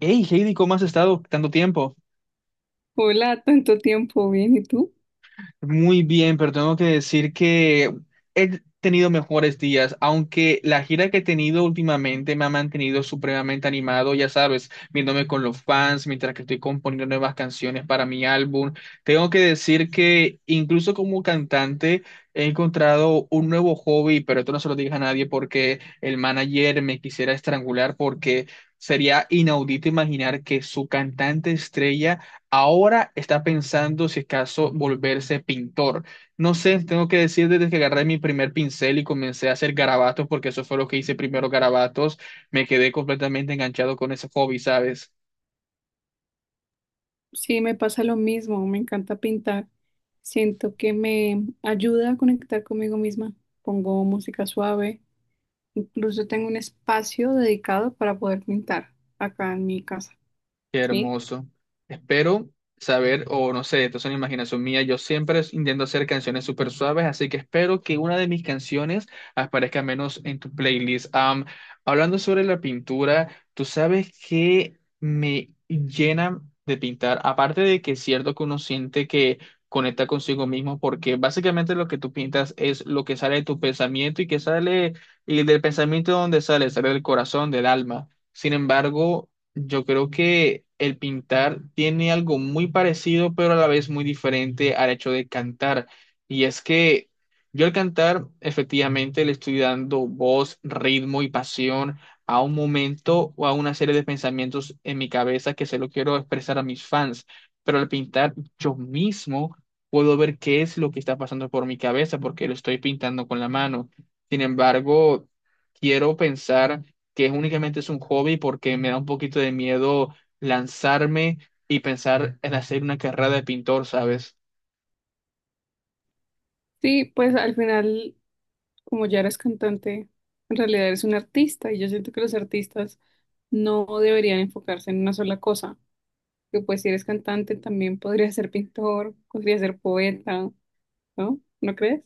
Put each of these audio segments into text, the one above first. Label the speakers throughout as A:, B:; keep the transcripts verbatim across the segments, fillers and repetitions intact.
A: Hey, Heidi, ¿cómo has estado tanto tiempo?
B: Hola, tanto tiempo, bien, ¿y tú?
A: Muy bien, pero tengo que decir que he tenido mejores días, aunque la gira que he tenido últimamente me ha mantenido supremamente animado, ya sabes, viéndome con los fans mientras que estoy componiendo nuevas canciones para mi álbum. Tengo que decir que incluso como cantante he encontrado un nuevo hobby, pero esto no se lo digas a nadie porque el manager me quisiera estrangular porque sería inaudito imaginar que su cantante estrella ahora está pensando si es caso volverse pintor. No sé, tengo que decir desde que agarré mi primer pincel y comencé a hacer garabatos, porque eso fue lo que hice primero, garabatos, me quedé completamente enganchado con ese hobby, ¿sabes?
B: Sí, me pasa lo mismo, me encanta pintar. Siento que me ayuda a conectar conmigo misma. Pongo música suave, incluso tengo un espacio dedicado para poder pintar acá en mi casa,
A: Qué
B: ¿sí?
A: hermoso. Espero saber, o no sé, esto es una imaginación mía. Yo siempre es- intento hacer canciones súper suaves, así que espero que una de mis canciones aparezca menos en tu playlist. Am, hablando sobre la pintura, tú sabes que me llena de pintar. Aparte de que es cierto que uno siente que conecta consigo mismo, porque básicamente lo que tú pintas es lo que sale de tu pensamiento y que sale, y del pensamiento donde sale, sale del corazón, del alma. Sin embargo, yo creo que el pintar tiene algo muy parecido, pero a la vez muy diferente al hecho de cantar. Y es que yo al cantar, efectivamente, le estoy dando voz, ritmo y pasión a un momento o a una serie de pensamientos en mi cabeza que se lo quiero expresar a mis fans. Pero al pintar, yo mismo puedo ver qué es lo que está pasando por mi cabeza porque lo estoy pintando con la mano. Sin embargo, quiero pensar que es únicamente es un hobby porque me da un poquito de miedo lanzarme y pensar en hacer una carrera de pintor, ¿sabes?
B: Sí, pues al final, como ya eres cantante, en realidad eres un artista y yo siento que los artistas no deberían enfocarse en una sola cosa, que pues si eres cantante también podría ser pintor, podría ser poeta, ¿no? ¿No crees?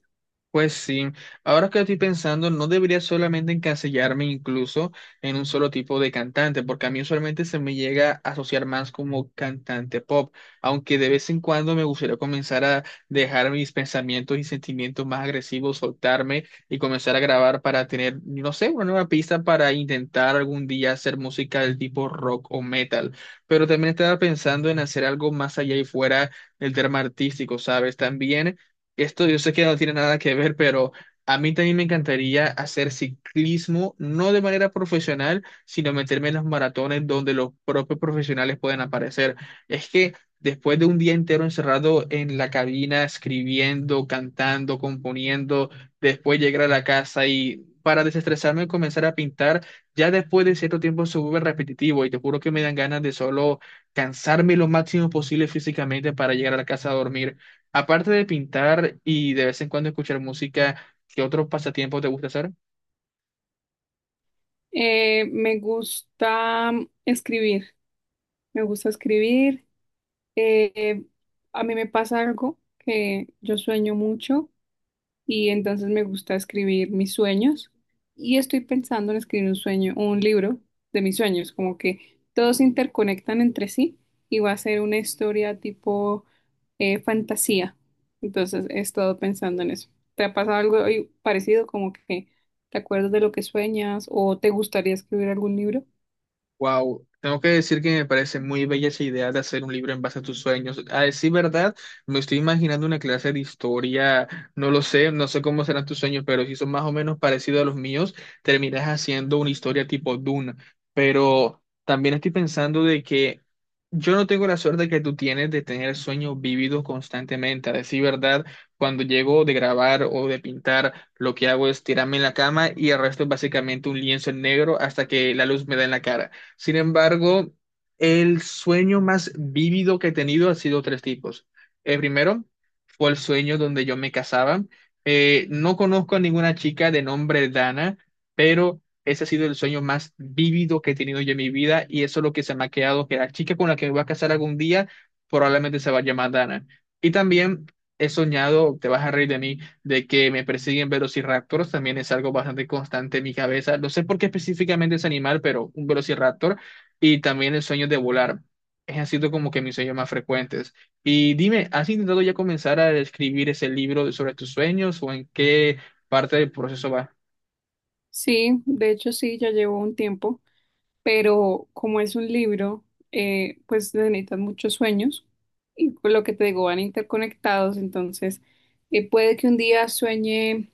A: Pues sí, ahora que estoy pensando, no debería solamente encasillarme incluso en un solo tipo de cantante, porque a mí usualmente se me llega a asociar más como cantante pop, aunque de vez en cuando me gustaría comenzar a dejar mis pensamientos y sentimientos más agresivos, soltarme y comenzar a grabar para tener, no sé, una nueva pista para intentar algún día hacer música del tipo rock o metal. Pero también estaba pensando en hacer algo más allá y fuera del tema artístico, ¿sabes? También esto yo sé que no tiene nada que ver, pero a mí también me encantaría hacer ciclismo, no de manera profesional, sino meterme en los maratones donde los propios profesionales pueden aparecer. Es que después de un día entero encerrado en la cabina, escribiendo, cantando, componiendo, después llegar a la casa y para desestresarme comenzar a pintar, ya después de cierto tiempo se vuelve repetitivo y te juro que me dan ganas de solo cansarme lo máximo posible físicamente para llegar a la casa a dormir. Aparte de pintar y de vez en cuando escuchar música, ¿qué otros pasatiempos te gusta hacer?
B: Eh, me gusta escribir, me gusta escribir. Eh, a mí me pasa algo, que yo sueño mucho y entonces me gusta escribir mis sueños y estoy pensando en escribir un sueño, un libro de mis sueños, como que todos se interconectan entre sí y va a ser una historia tipo eh, fantasía. Entonces he estado pensando en eso. ¿Te ha pasado algo eh, parecido, como que te acuerdas de lo que sueñas o te gustaría escribir algún libro?
A: Wow, tengo que decir que me parece muy bella esa idea de hacer un libro en base a tus sueños. A decir verdad, me estoy imaginando una clase de historia, no lo sé, no sé cómo serán tus sueños, pero si son más o menos parecidos a los míos, terminas haciendo una historia tipo Dune. Pero también estoy pensando de que yo no tengo la suerte que tú tienes de tener sueños vívidos constantemente. A decir verdad, cuando llego de grabar o de pintar, lo que hago es tirarme en la cama y el resto es básicamente un lienzo en negro hasta que la luz me da en la cara. Sin embargo, el sueño más vívido que he tenido ha sido tres tipos. El primero fue el sueño donde yo me casaba. Eh, no conozco a ninguna chica de nombre Dana, pero ese ha sido el sueño más vívido que he tenido yo en mi vida y eso es lo que se me ha quedado, que la chica con la que me voy a casar algún día probablemente se va a llamar Dana. Y también he soñado, te vas a reír de mí, de que me persiguen velociraptors también es algo bastante constante en mi cabeza. No sé por qué específicamente ese animal, pero un velociraptor y también el sueño de volar. Es han sido como que mis sueños más frecuentes. Y dime, ¿has intentado ya comenzar a escribir ese libro sobre tus sueños o en qué parte del proceso va?
B: Sí, de hecho sí, ya llevo un tiempo, pero como es un libro, eh, pues necesitan muchos sueños y por lo que te digo, van interconectados, entonces eh, puede que un día sueñe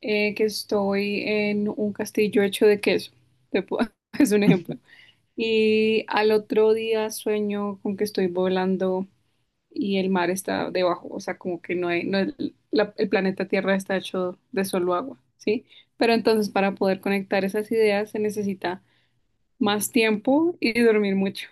B: eh, que estoy en un castillo hecho de queso, te pu- es un ejemplo, y al otro día sueño con que estoy volando y el mar está debajo, o sea, como que no hay, no es- la- el planeta Tierra está hecho de solo agua, ¿sí? Pero entonces para poder conectar esas ideas se necesita más tiempo y dormir mucho.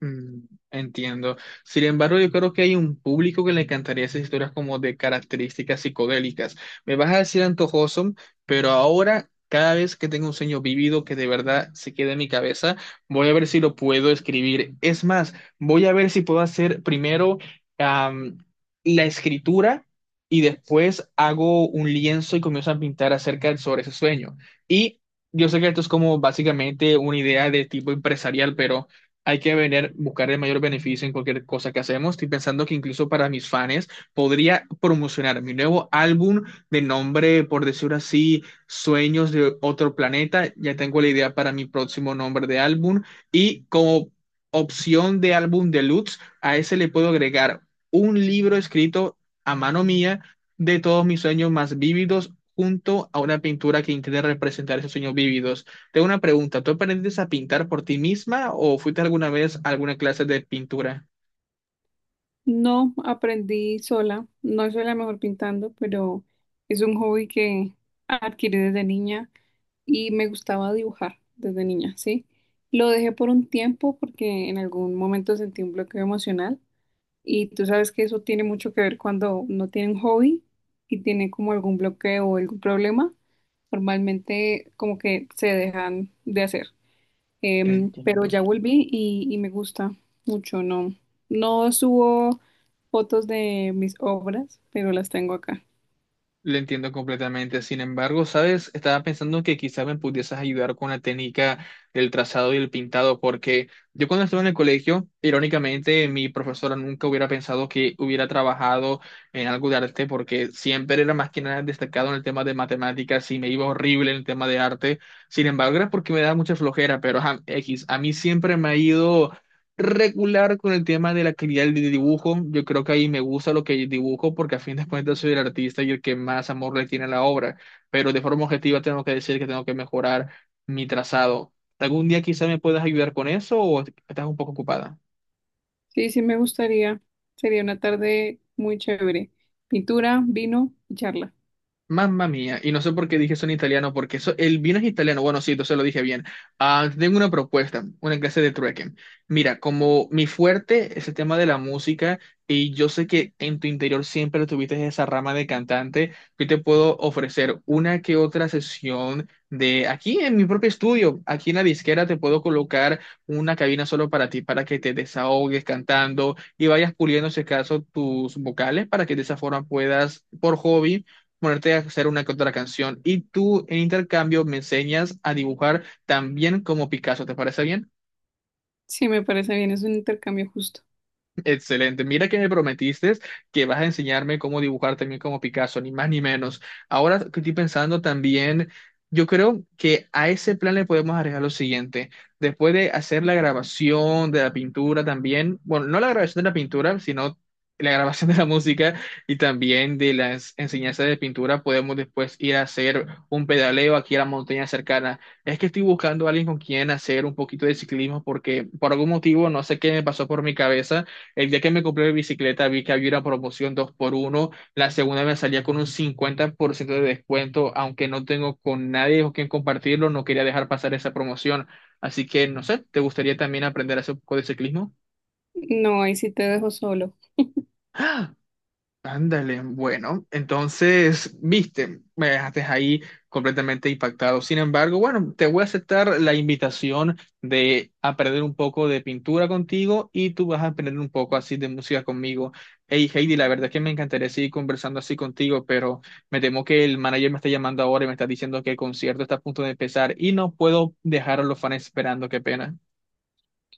A: Mm. Entiendo. Sin embargo, yo creo que hay un público que le encantaría esas historias como de características psicodélicas. Me vas a decir antojoso, pero ahora, cada vez que tengo un sueño vívido que de verdad se quede en mi cabeza, voy a ver si lo puedo escribir. Es más, voy a ver si puedo hacer primero am, la escritura y después hago un lienzo y comienzo a pintar acerca sobre ese sueño. Y yo sé que esto es como básicamente una idea de tipo empresarial, pero... Hay que venir, buscar el mayor beneficio en cualquier cosa que hacemos. Estoy pensando que incluso para mis fans podría promocionar mi nuevo álbum de nombre, por decirlo así, Sueños de otro planeta. Ya tengo la idea para mi próximo nombre de álbum. Y como opción de álbum deluxe, a ese le puedo agregar un libro escrito a mano mía de todos mis sueños más vívidos junto a una pintura que intente representar esos sueños vívidos. Tengo una pregunta, ¿tú aprendiste a pintar por ti misma o fuiste alguna vez a alguna clase de pintura?
B: No aprendí sola, no soy la mejor pintando, pero es un hobby que adquirí desde niña y me gustaba dibujar desde niña, ¿sí? Lo dejé por un tiempo porque en algún momento sentí un bloqueo emocional. Y tú sabes que eso tiene mucho que ver cuando no tienen hobby y tienen como algún bloqueo o algún problema. Normalmente como que se dejan de hacer. Em, pero
A: Entiendo.
B: ya volví y, y me gusta mucho, ¿no? No subo fotos de mis obras, pero las tengo acá.
A: Lo entiendo completamente. Sin embargo, ¿sabes? Estaba pensando que quizá me pudieses ayudar con la técnica del trazado y el pintado, porque yo cuando estuve en el colegio, irónicamente, mi profesora nunca hubiera pensado que hubiera trabajado en algo de arte, porque siempre era más que nada destacado en el tema de matemáticas y me iba horrible en el tema de arte. Sin embargo, era porque me daba mucha flojera, pero ajá, X, a mí siempre me ha ido regular con el tema de la calidad del dibujo. Yo creo que ahí me gusta lo que dibujo porque a fin de cuentas soy el artista y el que más amor le tiene a la obra. Pero de forma objetiva tengo que decir que tengo que mejorar mi trazado. ¿Algún día quizás me puedas ayudar con eso o estás un poco ocupada?
B: Sí, sí me gustaría. Sería una tarde muy chévere. Pintura, vino y charla.
A: Mamma mía, y no sé por qué dije eso en italiano, porque eso, el vino es italiano, bueno, sí, entonces lo dije bien. Ah, tengo una propuesta, una clase de trueque. Mira, como mi fuerte es el tema de la música, y yo sé que en tu interior siempre tuviste esa rama de cantante, yo te puedo ofrecer una que otra sesión de aquí en mi propio estudio, aquí en la disquera te puedo colocar una cabina solo para ti, para que te desahogues cantando y vayas puliendo, si acaso, tus vocales, para que de esa forma puedas, por hobby, ponerte a hacer una que otra canción y tú en intercambio me enseñas a dibujar también como Picasso, ¿te parece bien?
B: Sí, me parece bien, es un intercambio justo.
A: Excelente. Mira que me prometiste que vas a enseñarme cómo dibujar también como Picasso, ni más ni menos. Ahora que estoy pensando también, yo creo que a ese plan le podemos agregar lo siguiente. Después de hacer la grabación de la pintura también, bueno, no la grabación de la pintura, sino la grabación de la música y también de las enseñanzas de pintura, podemos después ir a hacer un pedaleo aquí a la montaña cercana. Es que estoy buscando a alguien con quien hacer un poquito de ciclismo porque por algún motivo, no sé qué me pasó por mi cabeza el día que me compré mi bicicleta vi que había una promoción dos por uno, la segunda me salía con un cincuenta por ciento de descuento, aunque no tengo con nadie con quien compartirlo, no quería dejar pasar esa promoción. Así que, no sé, ¿te gustaría también aprender a hacer un poco de ciclismo?
B: No, ahí sí te dejo solo.
A: ¡Ah! Ándale, bueno, entonces, viste, me dejaste ahí completamente impactado. Sin embargo, bueno, te voy a aceptar la invitación de aprender un poco de pintura contigo y tú vas a aprender un poco así de música conmigo. Hey, Heidi, la verdad es que me encantaría seguir conversando así contigo, pero me temo que el manager me está llamando ahora y me está diciendo que el concierto está a punto de empezar y no puedo dejar a los fans esperando, qué pena.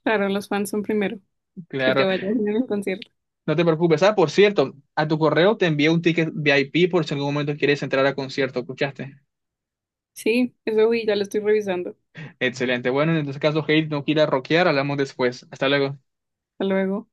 B: Claro, los fans son primero. Que
A: Claro,
B: te vayas bien al concierto.
A: no te preocupes. Ah, por cierto, a tu correo te envié un ticket V I P por si en algún momento quieres entrar a concierto, ¿escuchaste?
B: Sí, eso vi, ya lo estoy revisando.
A: Excelente. Bueno, en este caso, Hate no quiera rockear, hablamos después. Hasta luego.
B: Hasta luego.